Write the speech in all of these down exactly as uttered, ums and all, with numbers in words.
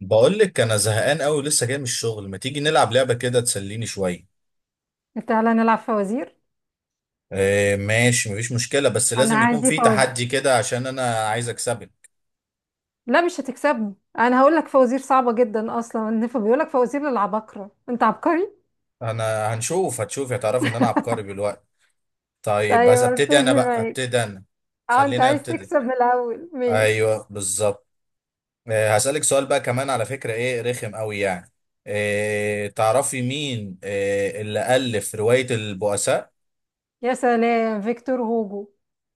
بقول لك انا زهقان قوي، لسه جاي من الشغل. ما تيجي نلعب لعبه كده تسليني شويه؟ تعالى نلعب فوازير. آه، ماشي، مفيش مشكله، بس انا لازم يكون عادي في فوازير. تحدي كده عشان انا عايز اكسبك. لا، مش هتكسبني، انا هقول لك فوازير صعبه جدا، اصلا النفا بيقول لك فوازير للعباقره، انت عبقري؟ انا هنشوف، هتشوف هتعرف ان انا عبقري بالوقت. طيب، طيب بس ابتدي انا ابتدي بقى، معاك. ابتدي انا. اه، انت خلينا عايز ابتدي. تكسب من الاول؟ ماشي. ايوه، بالظبط. آه هسألك سؤال بقى كمان، على فكره ايه رخم قوي يعني. آه تعرفي مين آه اللي ألف روايه البؤساء؟ يا سلام، فيكتور هوجو.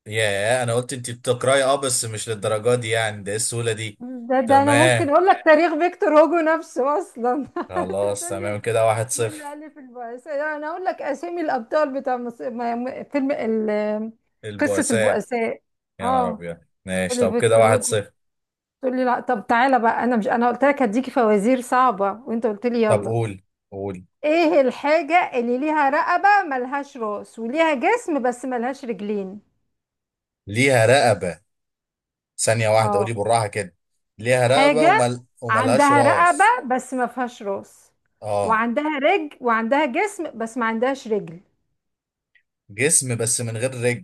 ياه، انا قلت انت بتقراي، اه بس مش للدرجه دي يعني، ده ايه السهوله دي؟ ده ده انا تمام. ممكن اقول لك تاريخ فيكتور هوجو نفسه اصلا خلاص، تقول تمام لي كده، واحد مين اللي صفر الف البؤساء؟ يعني انا اقول لك اسامي الابطال بتاع مص... ما- ما- فيلم ال... قصه البؤساء. البؤساء. يا نهار اه، ابيض. ماشي، قولي طب كده فيكتور واحد هوجو صفر تقول لي لا. طب تعالى بقى، انا مش انا قلت لك هديكي فوازير صعبة وانت قلت لي طب يلا. قول، قول. ايه الحاجة اللي ليها رقبة ملهاش راس وليها جسم بس ملهاش رجلين؟ ليها رقبه. ثانيه واحده، اه، قولي بالراحه كده. ليها رقبه حاجة ومل... وملهاش عندها راس. رقبة بس ما فيهاش راس، اه. وعندها رجل وعندها جسم بس ما عندهاش رجل. جسم بس من غير رجل.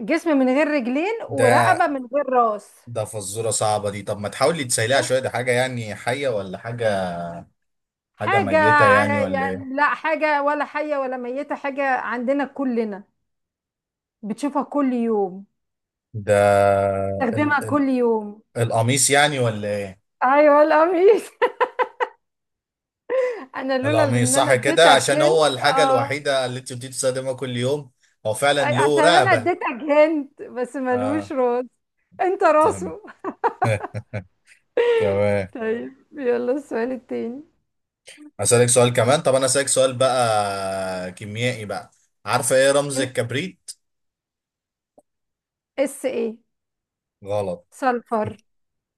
جسم من غير رجلين ده ورقبة من غير راس. ده فزوره صعبه دي، طب ما تحاولي تسيليها شوف، شويه، دي حاجه يعني حيه ولا حاجه؟ حاجه حاجة ميته يعني ع- ولا يعني ايه؟ لا حاجة ولا حية ولا ميتة، حاجة عندنا كلنا بتشوفها كل يوم، ده. بتستخدمها كل يوم. القميص يعني ولا ايه؟ ايوه، القميص. انا لولا القميص ان انا صح كده، اديتك عشان هنت. هو الحاجة اه. الوحيدة اللي انت بتستخدمها كل يوم. هو أي- فعلا له عشان انا رقبة. اديتك هنت بس ملوش اه. راس، انت تمام. راسه. تمام. طيب، يلا السؤال التاني. اسألك سؤال كمان، طب انا اسألك سؤال بقى كيميائي بقى. عارفة ايه رمز ام- الكبريت؟ اس ايه؟ غلط. سلفر.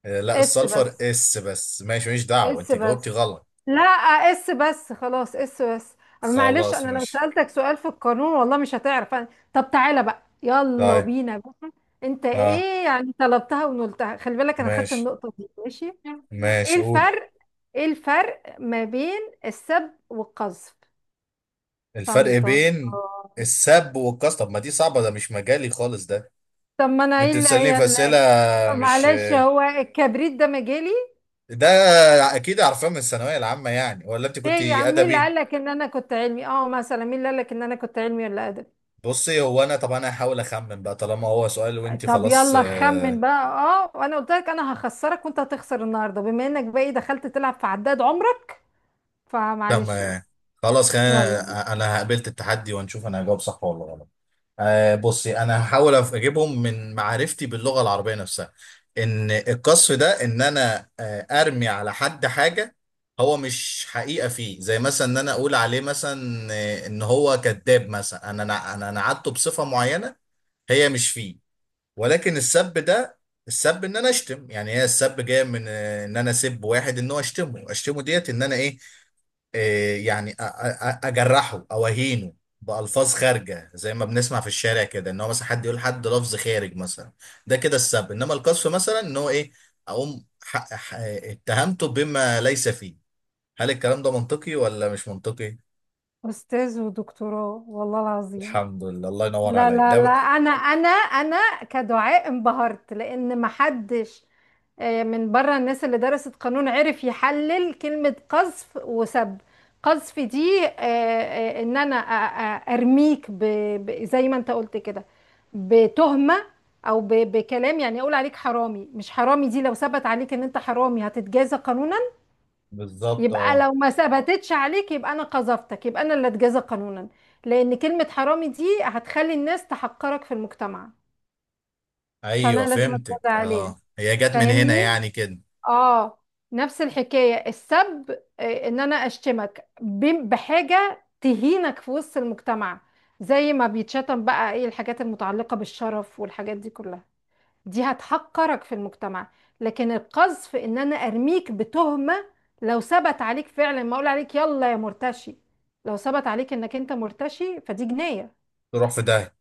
آه، لا اس السلفر بس، اس، بس ماشي، مش دعوة، اس انت جاوبتي بس. غلط. لا، اس بس خلاص، اس بس. أما معلش، خلاص انا لو ماشي. سألتك سؤال في القانون والله مش هتعرف أنا... طب تعالى بقى، يلا طيب. بينا بقى. انت اه. ايه يعني، طلبتها ونلتها، خلي بالك انا خدت ماشي. النقطة دي، ماشي. ايه ماشي، قول. الفرق، ايه الفرق ما بين السب والقذف؟ طن الفرق طن بين طن. السب والكاستم، ما دي صعبة، ده مش مجالي خالص ده. طب ما انا ايه انت اللي بتسألني هي في أسئلة. اللي... مش معلش، هو الكبريت ده مجالي؟ ده، اكيد عارفاه من الثانوية العامة يعني، ولا انت ليه كنت يا عم، مين اللي ادبي؟ قالك ان انا كنت علمي؟ اه، مثلا مين اللي قالك ان انا كنت علمي ولا ادبي؟ بصي، هو انا طب انا هحاول اخمن بقى طالما هو سؤال، وانت طب خلاص يلا خمن آه، بقى. اه، وانا قلت لك انا هخسرك وانت هتخسر النهارده، بما انك بقى ايه دخلت تلعب في عداد عمرك، فمعلش بقى. تمام. خلاص، يلا بينا. خلينا، انا قبلت التحدي ونشوف انا هجاوب صح ولا غلط. آه بصي، انا هحاول أف- اجيبهم من معرفتي باللغه العربيه نفسها. ان القصف ده، ان انا آه ارمي على حد حاجه هو مش حقيقه فيه، زي مثلا ان انا اقول عليه مثلا آه، ان هو كذاب مثلا، انا انا انا أنا نعته بصفه معينه هي مش فيه. ولكن السب ده، السب ان انا اشتم يعني، هي السب جايه من آه، ان انا اسب واحد، ان هو اشتمه اشتمه ديت ان انا ايه، إيه يعني أ- أ- اجرحه او اهينه بألفاظ خارجة، زي ما بنسمع في الشارع كده، ان هو مثلا حد يقول حد لفظ خارج مثلا. ده كده السب. انما القذف مثلا ان هو ايه، اقوم ح- ح- اتهمته بما ليس فيه. هل الكلام ده منطقي ولا مش منطقي؟ استاذ ودكتوراه والله العظيم. الحمد لله، الله ينور لا عليك، لا ده لا، ب- انا انا انا كدعاء انبهرت لان محدش آه، من بره الناس اللي درست قانون عرف يحلل كلمة قذف وسب. قذف دي آه، آه، ان انا أ- أ- ارميك ب... ب... زي ما انت قلت كده بتهمة، او ب... بكلام، يعني اقول عليك حرامي. مش حرامي دي لو ثبت عليك ان انت حرامي هتتجازى قانونا. بالظبط، يبقى اه. لو ما ثبتتش عليك يبقى انا قذفتك، يبقى انا اللي اتجازى قانونا، لان كلمة حرامي دي هتخلي الناس تحقرك في المجتمع، ايوه، فانا لازم اتجازى فهمتك، عليها. اه هي جت من هنا فاهمني؟ يعني كده. اه. نفس الحكاية السب، آه، ان انا اشتمك ب- بحاجة تهينك في وسط المجتمع. زي ما بيتشتم بقى، ايه الحاجات المتعلقة بالشرف والحاجات دي كلها، دي هتحقرك في المجتمع. لكن القذف ان انا ارميك بتهمة، لو ثبت عليك فعلا ما اقول عليك يلا يا مرتشي، لو ثبت عليك انك انت مرتشي فدي جناية. تروح في ده.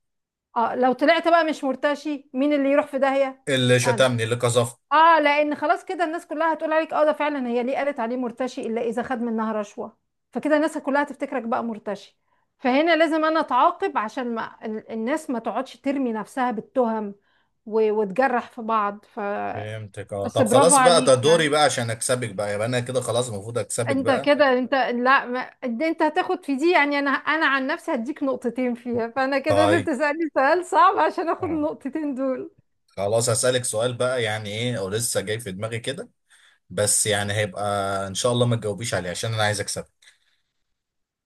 اه، لو طلعت بقى مش مرتشي، مين اللي يروح في داهية؟ اللي انا. شتمني، اللي قذفني. اه، لان خلاص كده الناس كلها هتقول عليك، اه ده فعلا هي ليه قالت عليه مرتشي الا اذا خد منها رشوة، فكده الناس كلها هتفتكرك بقى مرتشي. فهنا لازم انا اتعاقب عشان ما ال- الناس ما تقعدش ترمي نفسها بالتهم، و- وتجرح في بعض. ف... فهمتك، اه، بس طب برافو خلاص بقى، ده عليك دوري يعني. بقى عشان اكسبك بقى، يبقى انا كده خلاص المفروض اكسبك انت بقى. كده، انت لا ما... انت انت هتاخد في دي يعني. انا انا عن نفسي هديك نقطتين فيها، فانا كده لازم طيب. تسألني سؤال صعب عشان اخد اه. النقطتين دول. خلاص هسألك سؤال بقى، يعني ايه او لسه جاي في دماغي كده، بس يعني هيبقى، ان شاء الله ما تجاوبيش عليه عشان انا عايز اكسب.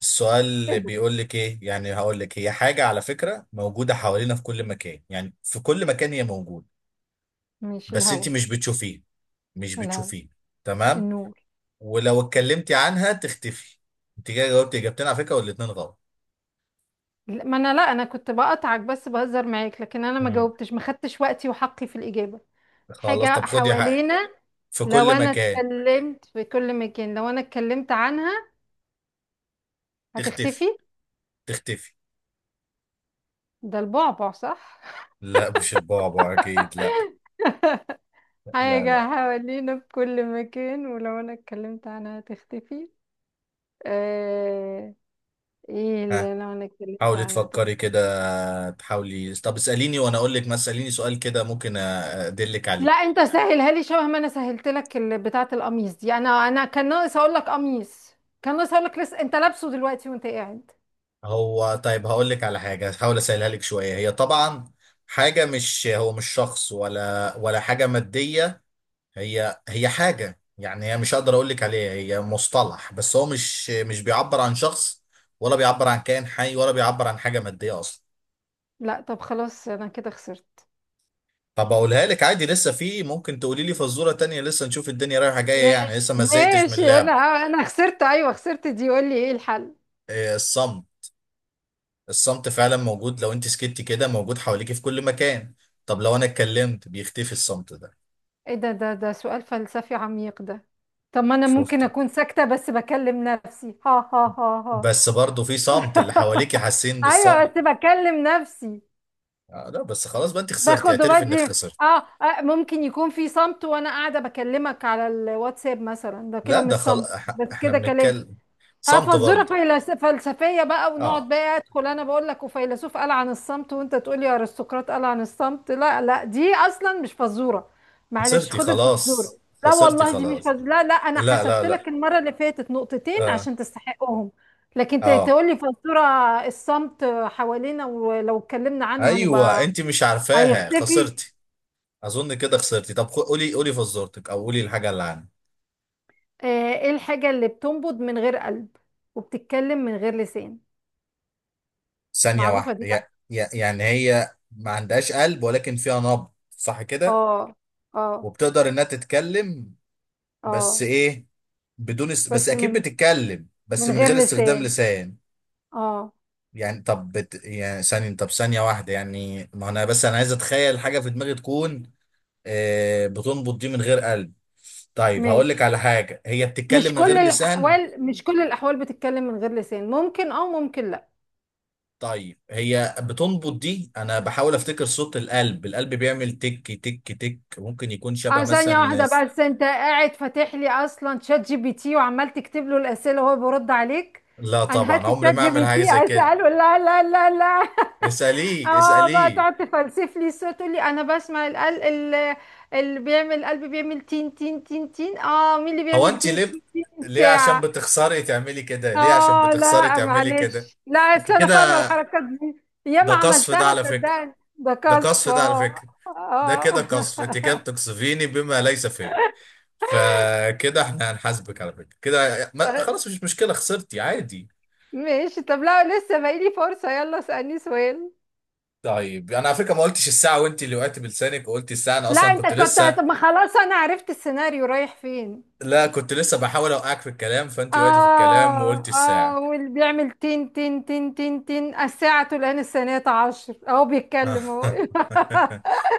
السؤال ايه اللي ده؟ بيقول لك ايه يعني، هقول لك، هي حاجة على فكرة موجودة حوالينا في كل مكان، يعني في كل مكان هي موجودة، مش بس الهوا؟ انت مش بتشوفيه. مش الهوا. بتشوفيه. تمام. النور. ولو اتكلمتي عنها تختفي. انت كده جاوبتي اجابتين على فكرة والاتنين غلط. لا، ما انا لا، انا كنت بقطعك بس بهزر معاك، لكن انا ما مم. جاوبتش، ما خدتش وقتي وحقي في الإجابة. خلاص، حاجة طب خدي حقك. حوالينا، في لو كل انا مكان. اتكلمت في كل مكان، لو انا اتكلمت عنها هتختفي. تختفي. تختفي. ده البعبع؟ صح. لا، مش البعبع اكيد، لا. لا، لا. حاجة حوالينا في كل مكان ولو أنا اتكلمت عنها هتختفي. آه... ايه ها. اللي لو أنا اتكلمت حاولي عنها تفكري هتختفي؟ كده، تحاولي، طب اسأليني وانا اقول لك، ما اسأليني سؤال كده ممكن أ- ادلك لا، عليه. انت سهلها لي شبه ما انا سهلت لك ال- بتاعة القميص دي، انا انا كان ناقص اقول لك قميص، كان ناقص اقول لك لسه انت لابسه دلوقتي وانت قاعد. هو طيب، هقول لك على حاجة هحاول اسهلها لك شوية، هي طبعا حاجة، مش هو مش شخص ولا ولا حاجة مادية. هي هي حاجة يعني، هي مش هقدر اقول لك عليها، هي مصطلح بس هو مش مش بيعبر عن شخص ولا بيعبر عن كائن حي ولا بيعبر عن حاجة مادية اصلا. لا، طب خلاص انا كده خسرت. طب اقولها لك عادي، لسه في ممكن تقولي لي فزورة تانية، لسه نشوف الدنيا رايحة جاية يعني، ماشي لسه ما زهقتش من ماشي، انا، اللعب. انا خسرت، ايوه خسرت دي. قول لي ايه الحل. إيه، الصمت. الصمت فعلا موجود، لو انت سكتي كده موجود حواليكي في كل مكان. طب لو انا اتكلمت بيختفي الصمت ده. ايه ده، ده ده سؤال فلسفي عميق ده. طب ما انا ممكن شفته. اكون ساكتة بس بكلم نفسي؟ ها ها ها ها. بس برضه في صمت، اللي حواليكي حاسين ايوه بالصمت. بس بكلم نفسي. آه لا بس خلاص بقى، انت خسرتي، باخد اعترف انك وبدي. خسرت. اه، آه، ممكن يكون في صمت وانا قاعده بكلمك على الواتساب مثلا، ده لا، كده مش ده خلاص. صمت، بس احنا كده كلام. بنتكلم. اه، صمت فالظروف برضه. فيلس- فلسفيه بقى، ونقعد اه، بقى ادخل انا بقول لك وفيلسوف قال عن الصمت، وانت تقول لي ارسطقراط قال عن الصمت. لا لا، دي اصلا مش فزوره. معلش خسرتي خد خلاص. الفزوره. لا خسرتي والله دي مش خلاص. فزوره. لا لا، انا لا، لا، حسبت لا. لك المره اللي فاتت نقطتين اه. عشان تستحقهم. لكن ت- اه. تقول لي فزوره. الصمت حوالينا ولو اتكلمنا عنه هنبقى ايوه، انت مش عارفاها، هيختفي. خسرتي. اظن كده خسرتي، طب خ- قولي، قولي فزورتك او قولي الحاجه اللي عندك. آه، ايه الحاجه اللي بتنبض من غير قلب وبتتكلم من غير لسان؟ ثانية معروفه دي واحدة، بقى. يع- يع- يعني هي ما عندهاش قلب ولكن فيها نبض صح كده؟ اه. اه. وبتقدر انها تتكلم. بس اه ايه، بدون است... بس بس اكيد من، بتتكلم بس من من غير غير استخدام لسان. لسان. اه يعني طب بت... يعني ثانية، طب ثانية واحدة، يعني ما انا، بس انا عايز اتخيل حاجة في دماغي تكون آه بتنبض دي من غير قلب. طيب هقول لك ماشي. على حاجة هي بتتكلم مش من غير كل لسان. الاحوال، مش كل الاحوال بتتكلم من غير لسان، ممكن اه ممكن لا. طيب هي بتنبض دي، انا بحاول افتكر صوت القلب. القلب بيعمل تك تك تك، ممكن يكون شبه اه، ثانية مثلا. واحدة بقى، بس انت قاعد فاتح لي اصلا شات جي بي تي وعمال تكتب له الاسئلة وهو بيرد عليك؟ لا انا طبعا، هات لي عمري شات ما جي اعمل بي حاجه تي زي كده. اساله، لا لا لا لا. اساليه اه بقى اساليه. تقعد تفلسف لي الصوت، تقول لي انا بسمع القلب ال- اللي بيعمل، القلب بيعمل تين تين تين تين، اه مين اللي هو بيعمل انت تين ليه بت- تين تين؟ ليه؟ عشان ساعة. بتخسري تعملي كده، ليه عشان اه بتخسري لا تعملي كده. معلش، لا انت اصل انا كده، فاهمه الحركات دي، ده ياما قصف ده عملتها على فكره. صدقني ده ده كسف. قصف ده على اه فكره. ده كده آه. قصف، انت كده بتقصفيني بما ليس فيه. فكده احنا هنحاسبك على فكره كده، ما- طيب، خلاص مش مشكله، خسرتي عادي. ماشي. طب لا، لسه باقيلي فرصه، يلا اسالني سؤال. طيب، انا على فكره ما قلتش الساعه، وانت اللي وقعتي بلسانك وقلت الساعه، انا لا، اصلا انت كنت كنت، طب لسه. ما خلاص انا عرفت السيناريو رايح فين. لا، كنت لسه بحاول اوقعك في الكلام، فانت وقعتي في اه، الكلام وقلت الساعه. اه، واللي بيعمل تين تين تين تين تين، الساعه تلان، السنه عشر اهو بيتكلم اهو.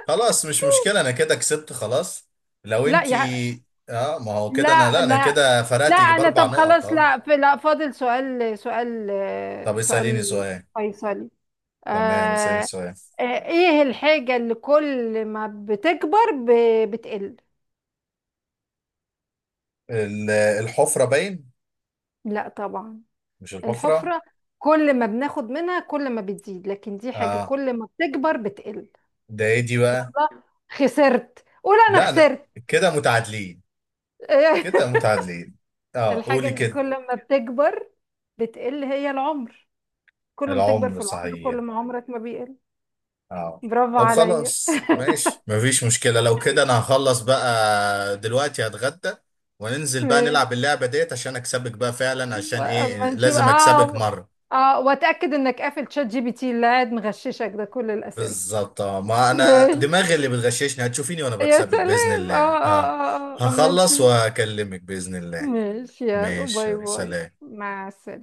خلاص مش مشكله، انا كده كسبت خلاص. لو لا انت، يا... اه ما هو كده انا، لا لا انا لا، كده لا فرقت يجي انا باربع طب نقط، خلاص، اه. لا في، لا فاضل سؤال، سؤال. طب اساليني سؤال سؤال. فيصلي. تمام، اساليني آه. سؤال. آه، ايه الحاجة اللي كل ما بتكبر ب- بتقل؟ ال- الحفره باين. لا طبعا. مش الحفره. الحفرة، كل ما بناخد منها كل ما بتزيد، لكن دي حاجة اه. كل ما بتكبر بتقل. ده ايه دي بقى؟ الله. خسرت، قول انا لا انا، خسرت. كده متعادلين. كده متعادلين. اه، الحاجة قولي اللي كده. كل ما بتكبر بتقل هي العمر، كل ما تكبر في العمر العمر صحيح. كل ما عمرك ما بيقل. اه. برافو طب عليا. خلاص ماشي، مفيش مشكلة لو كده، انا هخلص بقى دلوقتي هتغدى، وننزل بقى ماشي، نلعب اللعبة ديت عشان اكسبك بقى فعلا، عشان اما ايه نشوف. لازم اكسبك اه. مرة. اه، واتاكد انك قافل تشات جي بي تي اللي قاعد مغششك ده كل الاسئله. بالظبط، اه ما انا ماشي، دماغي اللي بتغششني، هتشوفيني وانا يا بكسبك بإذن سلام، اه الله، اه اه. اه آه. اما هخلص نشوف. واكلمك بإذن الله. ماشي، يلا ماشي، باي باي. سلام. مع السلامه.